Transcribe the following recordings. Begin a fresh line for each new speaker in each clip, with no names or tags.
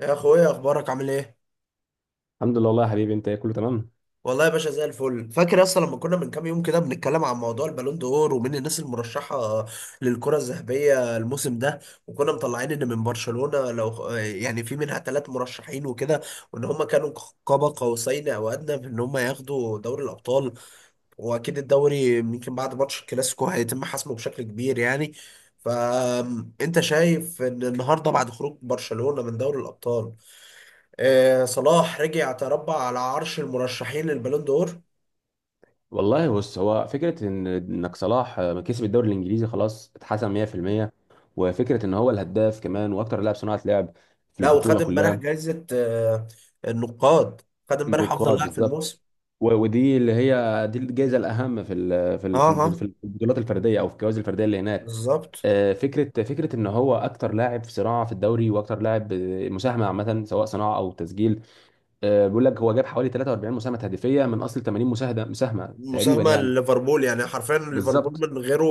يا اخويا، اخبارك عامل ايه؟
الحمد لله، والله يا حبيبي. انت ايه، كله تمام؟
والله يا باشا زي الفل. فاكر اصلا لما كنا من كام يوم كده بنتكلم عن موضوع البالون دور ومين الناس المرشحه للكره الذهبيه الموسم ده، وكنا مطلعين ان من برشلونه لو في منها ثلاث مرشحين وكده، وان هم كانوا قاب قوسين او ادنى في ان هم ياخدوا دوري الابطال. واكيد الدوري يمكن بعد ماتش الكلاسيكو هيتم حسمه بشكل كبير يعني. فانت شايف ان النهارده بعد خروج برشلونه من دوري الابطال، صلاح رجع تربع على عرش المرشحين للبالون دور.
والله بص، هو فكره ان انك صلاح كسب الدوري الانجليزي خلاص، اتحسم 100%. وفكره ان هو الهداف كمان، واكتر لاعب صناعه لعب في
لا،
البطوله
وخد امبارح
كلها.
جائزة النقاد، خد امبارح افضل
النقاط
لاعب في
بالظبط.
الموسم.
ودي اللي هي دي الجائزه الاهم في ال- في
اه،
ال- في البط-
اه،
في البطولات الفرديه، او في الجوائز الفرديه اللي هناك.
بالظبط.
فكره ان هو اكتر لاعب في صناعه في الدوري، واكتر لاعب مساهمه عامه، سواء صناعه او تسجيل. بيقول لك هو جاب حوالي 43 مساهمه هدفيه من اصل 80 مساهمه تقريبا
مساهمة
يعني.
ليفربول، يعني حرفيا ليفربول
بالظبط،
من غيره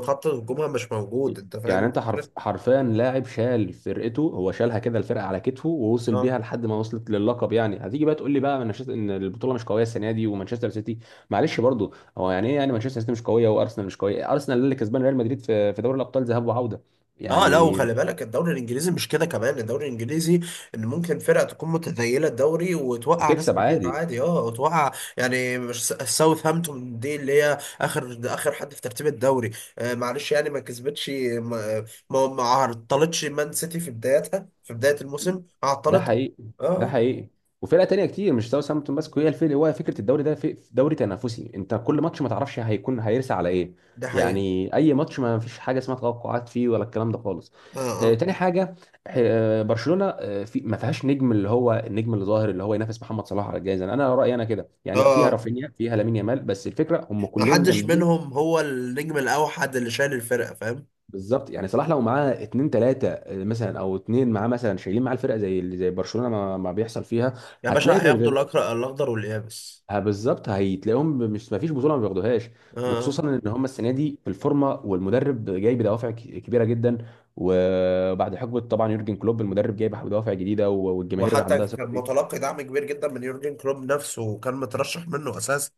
خط هجومها مش موجود، انت فاهم
يعني انت حرف
الفكرة؟
حرفيا لاعب شال فرقته، هو شالها كده، الفرقه على كتفه، ووصل بيها
اه،
لحد ما وصلت للقب. يعني هتيجي بقى تقول لي بقى مانشستر، ان البطوله مش قويه السنه دي، ومانشستر سيتي. معلش برضو، هو يعني ايه يعني، مانشستر سيتي مش قويه، وارسنال مش قويه؟ ارسنال اللي كسبان ريال مدريد في دوري الابطال ذهاب وعوده
اه. لا،
يعني.
وخلي بالك الدوري الانجليزي مش كده كمان، الدوري الانجليزي ان ممكن فرقه تكون متذيله الدوري وتوقع ناس
وتكسب
كبيره
عادي.
عادي، اه، وتوقع. يعني مش ساوثهامبتون دي اللي هي اخر اخر حد في ترتيب الدوري، آه معلش، يعني ما كسبتش، ما عطلتش مان سيتي في بدايتها، في بدايه الموسم
ده
عطلتها.
حقيقي، ده
اه،
حقيقي، وفرقه تانية كتير مش ساوثهامبتون بس هي الفرق. هو فكره الدوري ده في دوري تنافسي، انت كل ماتش ما تعرفش هيكون هيرسى على ايه.
ده حقيقه.
يعني اي ماتش ما فيش حاجه اسمها توقعات فيه ولا الكلام ده خالص.
اه، اه،
تاني حاجه، برشلونه في ما فيهاش نجم، اللي هو النجم اللي ظاهر، اللي هو ينافس محمد صلاح على الجائزه. انا رايي انا كده يعني، فيها
اه،
رافينيا، فيها لامين يامال، بس الفكره هم
ما
كلهم
حدش
جامدين.
منهم هو النجم الاوحد اللي شايل الفرقه، فاهم؟
بالظبط، يعني صلاح لو معاه اتنين تلاته مثلا، او اتنين معاه مثلا شايلين معاه الفرقه زي برشلونه ما بيحصل فيها.
يا
هتلاقي،
باشا هياخدوا الاكرأ الاخضر واليابس.
ها بالظبط، هيتلاقيهم، مش ما فيش بطوله ما بياخدوهاش.
اه. آه.
وخصوصا ان هم السنه دي في الفورمه، والمدرب جاي بدوافع كبيره جدا. وبعد حقبه طبعا يورجن كلوب، المدرب جاي بدوافع جديده، والجماهير
وحتى
عندها
كان
ثقه.
متلقي دعم كبير جدا من يورجن كلوب نفسه، وكان مترشح منه اساسا.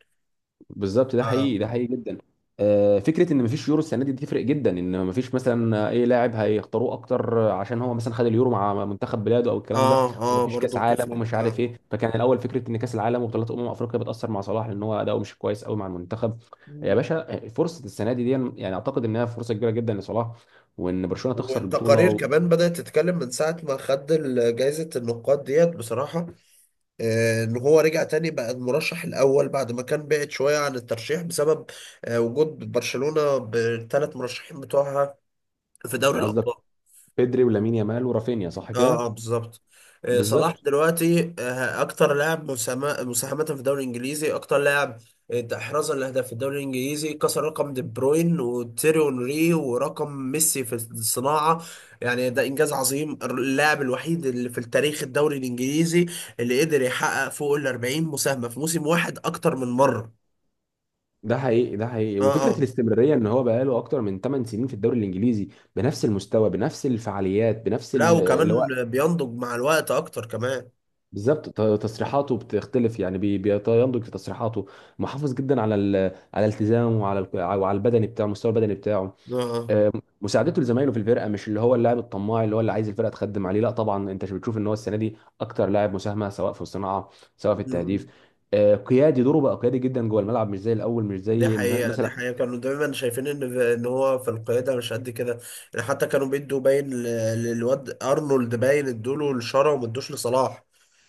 بالظبط، ده
اه،
حقيقي، ده حقيقي جدا. فكره ان مفيش يورو السنه دي تفرق جدا، ان مفيش مثلا اي لاعب هيختاروه اكتر عشان هو مثلا خد اليورو مع منتخب بلاده او الكلام ده.
اه, آه
ومفيش كاس
برضه
عالم
بتفرق.
ومش عارف
آه.
ايه، فكان الاول فكره ان كاس العالم وبطولات افريقيا بتاثر مع صلاح لان هو اداؤه مش كويس قوي مع المنتخب. يا
مم.
باشا، فرصه السنه دي. يعني اعتقد انها فرصه كبيره جدا لصلاح، وان برشلونه تخسر البطوله
والتقارير كمان بدأت تتكلم من ساعة ما خد جايزة النقاد ديت بصراحة، إن هو رجع تاني بقى المرشح الأول بعد ما كان بعد شوية عن الترشيح بسبب وجود برشلونة بالثلاث مرشحين بتوعها في دوري
قصدك
الأبطال.
بيدري ولامين يامال ورافينيا، صح
اه،
كده.
اه، بالظبط. صلاح
بالظبط،
دلوقتي اكتر لاعب مساهمة في الدوري الانجليزي، اكتر لاعب احرازا لاهداف في الدوري الانجليزي، كسر رقم دي بروين وتيري اونري ورقم ميسي في الصناعة. يعني ده انجاز عظيم، اللاعب الوحيد اللي في التاريخ الدوري الانجليزي اللي قدر يحقق فوق ال 40 مساهمة في موسم واحد اكتر من مرة.
ده حقيقي، ده حقيقي،
اه،
وفكره
اه.
الاستمراريه، ان هو بقاله اكتر من 8 سنين في الدوري الانجليزي، بنفس المستوى بنفس الفعاليات بنفس
لا،
اللي هو.
وكمان بينضج مع الوقت اكتر كمان.
بالظبط، تصريحاته بتختلف يعني، بينضج في تصريحاته. محافظ جدا على على التزامه، وعلى وعلى البدني بتاعه، المستوى البدني بتاعه.
اه،
آه، مساعدته لزمايله في الفرقه، مش اللي هو اللاعب الطماع اللي هو اللي عايز الفرقه تخدم عليه. لا طبعا، انت بتشوف ان هو السنه دي اكتر لاعب مساهمه، سواء في الصناعه سواء في
اه.
التهديف. قيادي، دوره بقى قيادي جدا جوه الملعب، مش زي الاول، مش
دي
زي
حقيقة، دي
مثلا.
حقيقة، كانوا دايما شايفين ان ان هو في القيادة مش قد كده، يعني حتى كانوا للواد ارنولد، باين ادوله لشارة وما ادوش لصلاح،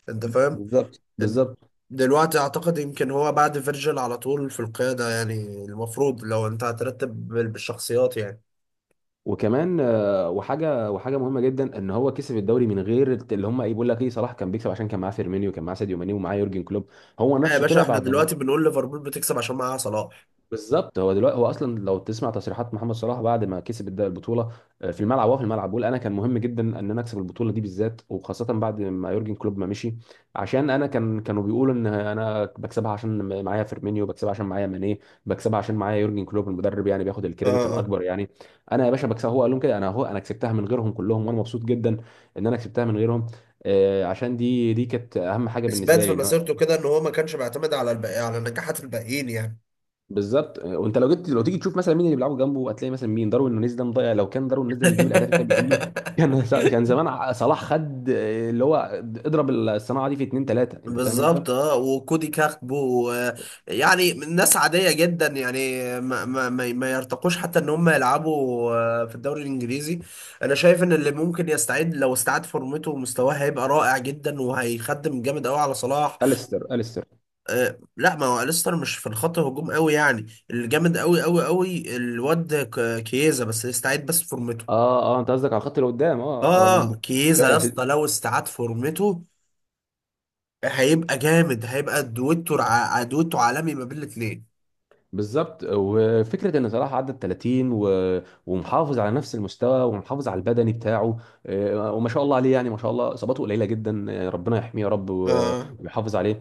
انت فاهم؟
بالظبط،
إن-
بالظبط.
دلوقتي اعتقد يمكن هو بعد فيرجيل على طول في القيادة يعني، المفروض لو انت هترتب بالشخصيات يعني.
وكمان وحاجه مهمه جدا، ان هو كسب الدوري من غير اللي هم ايه. بيقول لك ايه، صلاح كان بيكسب عشان كان معاه فيرمينيو، كان معاه ساديو ماني، ومعاه يورجن كلوب. هو
آه يا
نفسه
باشا،
طلع
احنا
بعد ما
دلوقتي بنقول ليفربول بتكسب عشان معاها صلاح.
بالظبط. هو دلوقتي، هو اصلا لو تسمع تصريحات محمد صلاح بعد ما كسب البطوله، في الملعب بيقول: انا كان مهم جدا ان انا اكسب البطوله دي بالذات، وخاصه بعد ما يورجن كلوب ما مشي، عشان انا كانوا بيقولوا ان انا بكسبها عشان معايا فيرمينيو، بكسبها عشان معايا ماني، بكسبها عشان معايا يورجن كلوب المدرب، يعني بياخد
اه،
الكريدت
اه.
الاكبر يعني. انا يا باشا بكسبها، هو قال لهم كده: انا، هو انا كسبتها من غيرهم كلهم، وانا مبسوط جدا ان انا كسبتها من غيرهم. عشان دي كانت اهم حاجه
اثبات
بالنسبه
في
لي ان
مسيرته كده ان هو ما كانش بيعتمد على الباقي، على نجاحات الباقيين يعني.
بالظبط. وانت لو تيجي تشوف مثلا مين اللي بيلعبوا جنبه، هتلاقي مثلا مين. داروين نونيز ده مضيع، لو كان داروين نونيز ده بيجيب الاهداف اللي كان بيجيله، كان كان زمان صلاح خد اللي هو اضرب الصناعه دي في اتنين تلاته، انت فاهم انت؟
بالظبط. اه، وكودي كاكبو، يعني ناس عادية جدا يعني، ما يرتقوش حتى ان هم يلعبوا في الدوري الانجليزي. انا شايف ان اللي ممكن يستعيد، لو استعاد فورمته ومستواه هيبقى رائع جدا وهيخدم جامد قوي على صلاح،
اليستر، اليستر.
لا ما هو ليستر مش في الخط هجوم قوي يعني. الجامد قوي قوي قوي الواد كييزا، بس يستعيد بس فورمته.
اه، اه، انت قصدك على الخط اللي قدام. اه,
اه،
آه،
كييزا يا
فعلا في.
اسطى لو استعاد فورمته هيبقى جامد، هيبقى دويتو عالمي ما بين الاثنين.
بالظبط، وفكره ان صلاح عدى ال 30 ومحافظ على نفس المستوى، ومحافظ على البدني بتاعه. وما شاء الله عليه، يعني ما شاء الله اصاباته قليله جدا. ربنا يحميه يا رب،
اه،
ويحافظ عليه.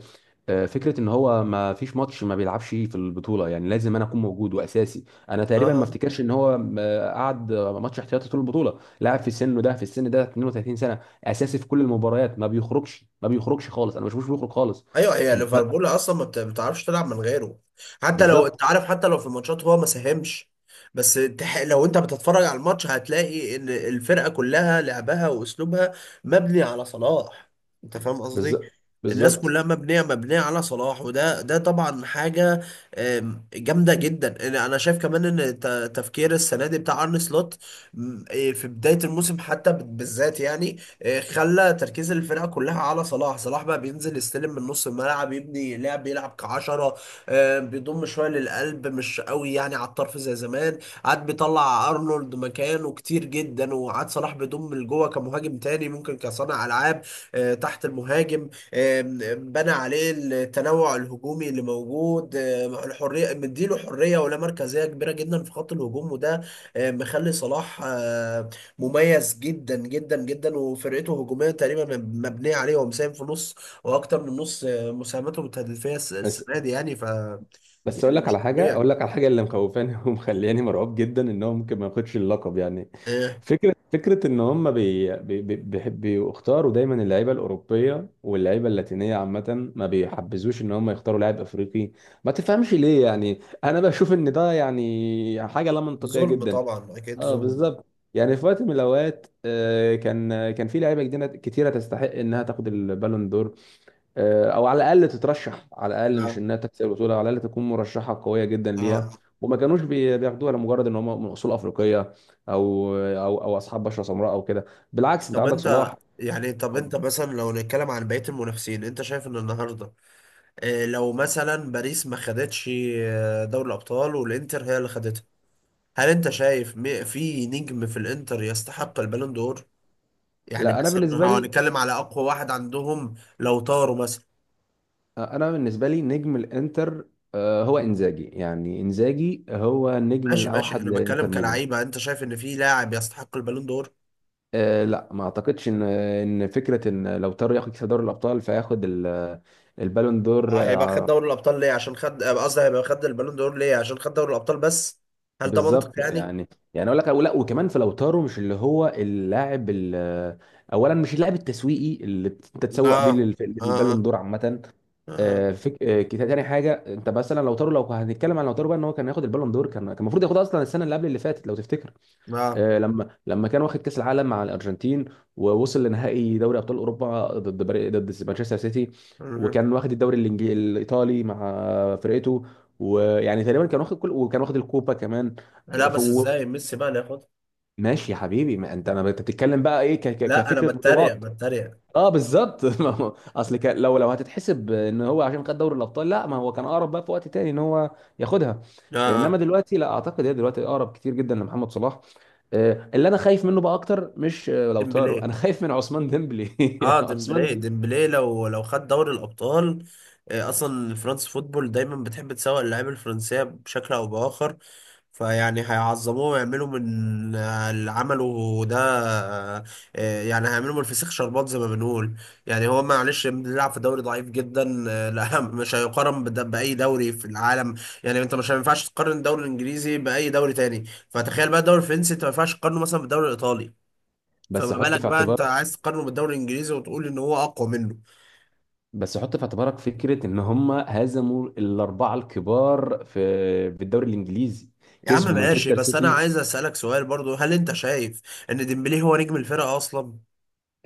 فكره ان هو ما فيش ماتش ما بيلعبش في البطوله، يعني لازم انا اكون موجود واساسي. انا تقريبا ما
اه.
افتكرش ان هو قعد ماتش احتياطي طول البطوله. لاعب في سنه ده، في السن ده 32 سنه، اساسي في كل المباريات، ما بيخرجش، ما بيخرجش خالص، انا ما بشوفوش بيخرج خالص.
ايوه، هي
انت
ليفربول اصلا ما بت- بتعرفش تلعب من غيره، حتى لو
بالظبط،
انت عارف، حتى لو في الماتشات هو ما ساهمش، لو انت بتتفرج على الماتش هتلاقي ان الفرقه كلها لعبها واسلوبها مبني على صلاح، انت فاهم قصدي؟
بالظبط،
الناس
بالظبط.
كلها مبنيه على صلاح، وده ده طبعا حاجه جامده جدا. انا أنا شايف كمان تفكير السنه دي بتاع ارن سلوت، م، إيه، في بدايه الموسم حتى بالذات، يعني خلى تركيز الفرقه كلها على صلاح. صلاح بقى بينزل يستلم من نص الملعب، يبني لعب، يلعب كعشره، بيضم شويه للقلب، مش قوي يعني على الطرف زي زمان. قعد بيطلع ارنولد مكانه كتير جدا، وقعد صلاح بيضم لجوه كمهاجم تاني ممكن كصانع العاب، تحت المهاجم. آم، بنى عليه التنوع الهجومي اللي موجود، الحريه، مديله حريه ولا مركزيه كبيره جدا في خط الهجوم. وده مخلي صلاح مميز جدا جدا جدا، وفرقته هجوميه تقريبا مبنيه عليه، هو مساهم في نص واكتر من نص مساهماته التهديفيه
بس
السنه دي يعني ف…
بس
يعني
اقول لك
مش
على حاجه،
طبيعي.
اقول لك على حاجه. اللي مخوفاني ومخلياني مرعوب جدا، ان هو ممكن ما ياخدش اللقب يعني.
آه،
فكره ان هم بيختاروا دايما اللعيبه الاوروبيه، واللعيبه اللاتينيه عامه، ما بيحبذوش ان هم يختاروا لاعب افريقي. ما تفهمش ليه، يعني انا بشوف ان ده يعني حاجه لا منطقيه
ظلم
جدا.
طبعا، اكيد
اه،
ظلم.
بالظبط، يعني في وقت من الاوقات كان في لعيبه كتيره تستحق انها تاخد البالون دور، او على الاقل تترشح، على الاقل مش
آه.
انها تكسب البطوله، على الاقل تكون مرشحه قويه جدا
آه.
ليها. وما كانوش بياخدوها لمجرد ان هم من اصول افريقيه، او اصحاب بشره سمراء او كده. بالعكس، انت
طب
عندك صلاح.
انت يعني، طب انت مثلا لو نتكلم عن بقيه المنافسين، انت شايف ان النهارده لو مثلا باريس ما خدتش دوري الابطال، والانتر هي اللي خدتها، هل انت شايف في نجم في الانتر يستحق البالون دور؟ يعني
لا، انا
مثلا لو
بالنسبه لي،
هنتكلم على اقوى واحد عندهم لو طاروا مثلا.
نجم الانتر هو انزاجي، يعني انزاجي هو النجم
ماشي ماشي،
الاوحد
انا بتكلم
لانتر ميلان.
كلاعيبه، انت شايف ان في لاعب يستحق البالون دور؟
لا، ما اعتقدش ان فكره ان لو تارو ياخد كاس دوري الابطال فياخد البالون دور
هيبقى خد دوري الابطال ليه؟ عشان خد قصدي هيبقى خد البالون دور ليه؟ عشان خد دوري الابطال بس؟ هل ده منطق
بالظبط.
يعني؟
يعني اقول لك. لا، وكمان في لوتارو، مش اللي هو اللاعب اولا، مش اللاعب التسويقي اللي انت تسوق بيه
اه، اه،
للبالون
اه،
دور عامه.
اه.
تاني حاجه. انت مثلا لوتارو، لو هنتكلم عن لوتارو بقى، ان هو كان ياخد البالون دور، كان المفروض ياخدها اصلا السنه اللي قبل اللي فاتت لو تفتكر.
آه.
لما كان واخد كاس العالم مع الارجنتين، ووصل لنهائي دوري ابطال اوروبا ضد مانشستر سيتي.
مهم.
وكان واخد الدوري الايطالي مع فرقته. ويعني تقريبا كان واخد كل وكان واخد الكوبا كمان.
لا
آه، ف-
بس
و-
ازاي ميسي بقى اللي ياخدها؟
ماشي يا حبيبي. ما انت انا انت بتتكلم بقى ايه ك- ك-
لا، انا
كفكره
بتريق،
بطولات.
بتريق.
اه بالظبط ما هو- اصل كان، لو هتتحسب ان هو عشان خد دوري الابطال، لا ما هو كان اقرب بقى في وقت تاني ان هو ياخدها.
اه،
انما
اه،
دلوقتي لا اعتقد، هي دلوقتي اقرب كتير جدا لمحمد صلاح. اللي انا خايف منه بقى اكتر مش لوتارو
ديمبلي.
انا خايف من عثمان ديمبلي
اه،
عثمان
ديمبلي.
ديمبلي.
ديمبلي لو لو خد دوري الابطال، اصلا فرانس فوتبول دايما بتحب تسوق اللعيبه الفرنسيه بشكل او باخر، فيعني هيعظموه ويعملوا من اللي عمله ده، آه، يعني هيعملوا من الفسيخ شربات زي ما بنقول. يعني هو معلش بيلعب في دوري ضعيف جدا، لا مش هيقارن باي دوري في العالم. يعني انت مش، ما ينفعش تقارن الدوري الانجليزي باي دوري تاني، فتخيل بقى الدوري الفرنسي انت ما ينفعش تقارنه مثلا بالدوري الايطالي، فما
بس حط
بالك
في
بقى انت
اعتبارك،
عايز تقارنه بالدوري الانجليزي وتقول ان هو اقوى منه؟
بس حط في اعتبارك فكره ان هم هزموا الاربعه الكبار في الدوري الانجليزي،
يا عم
كسبوا
ماشي،
مانشستر
بس انا
سيتي.
عايز اسالك سؤال برضو، هل انت شايف ان ديمبلي هو نجم الفرقه اصلا؟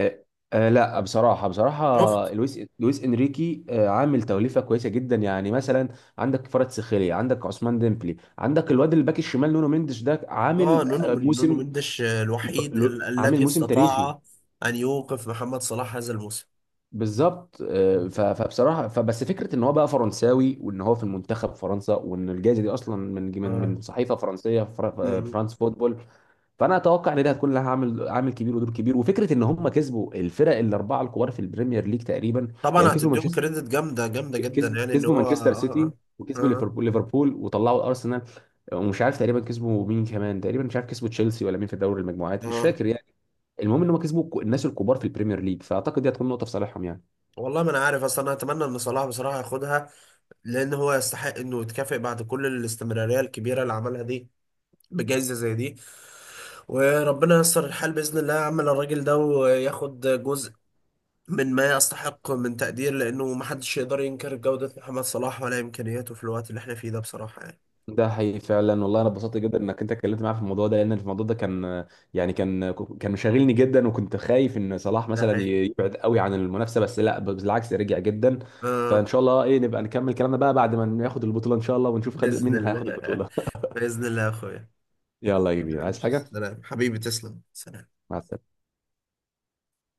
آه، لا، بصراحة، بصراحة
شفت.
لويس انريكي عامل توليفة كويسة جدا. يعني مثلا عندك فرد سخيليا، عندك عثمان ديمبلي، عندك الواد الباك الشمال نونو مينديش ده
اه،
عامل
نونو
موسم،
مندش
ل-
الوحيد ال
عامل
الذي
موسم تاريخي.
استطاع ان يوقف محمد صلاح هذا الموسم.
بالظبط، فبصراحة، فبس فكرة ان هو بقى فرنساوي، وان هو في المنتخب فرنسا، وان الجائزة دي اصلا
اه.
من صحيفة فرنسية،
مم.
فرانس فوتبول. فانا اتوقع ان دي هتكون لها عامل كبير ودور كبير، وفكره ان هم كسبوا الفرق الاربعه الكبار في البريمير ليج تقريبا. يعني
طبعا هتديهم كريدت جامده جامده جدا، يعني ان
كسبوا
هو
مانشستر سيتي،
اه،
وكسبوا
اه،
ليفربول وطلعوا الارسنال. ومش عارف تقريبا كسبوا مين كمان، تقريبا مش عارف كسبوا تشيلسي ولا مين في دوري
اه.
المجموعات، مش
اه.
فاكر يعني. المهم ان هم كسبوا الناس الكبار في البريمير ليج، فاعتقد دي هتكون نقطه في صالحهم يعني.
والله ما انا عارف اصلا، انا اتمنى ان صلاح بصراحه ياخدها، لان هو يستحق انه يتكافئ بعد كل الاستمراريه الكبيره اللي عملها دي بجائزة زي دي، وربنا ييسر الحال بإذن الله يا عم، الراجل ده وياخد جزء من ما يستحق من تقدير، لأنه محدش يقدر ينكر جودة محمد صلاح ولا إمكانياته في الوقت اللي احنا فيه ده بصراحة يعني.
ده حقيقي فعلا، والله انا اتبسطت جدا انك انت اتكلمت معايا في الموضوع ده، لان الموضوع ده كان يعني كان مشاغلني جدا، وكنت خايف ان صلاح
ده
مثلا
حقيقي.
يبعد قوي عن المنافسه، بس لا بالعكس رجع جدا. فان
آه.
شاء الله ايه، نبقى نكمل كلامنا بقى بعد ما ناخد البطوله ان شاء الله، ونشوف
بإذن
مين هياخد
الله.
البطوله.
بإذن الله يا أخويا.
يلا يا كبير، عايز حاجه؟
سلام حبيبي، تسلم، سلام.
مع السلامه.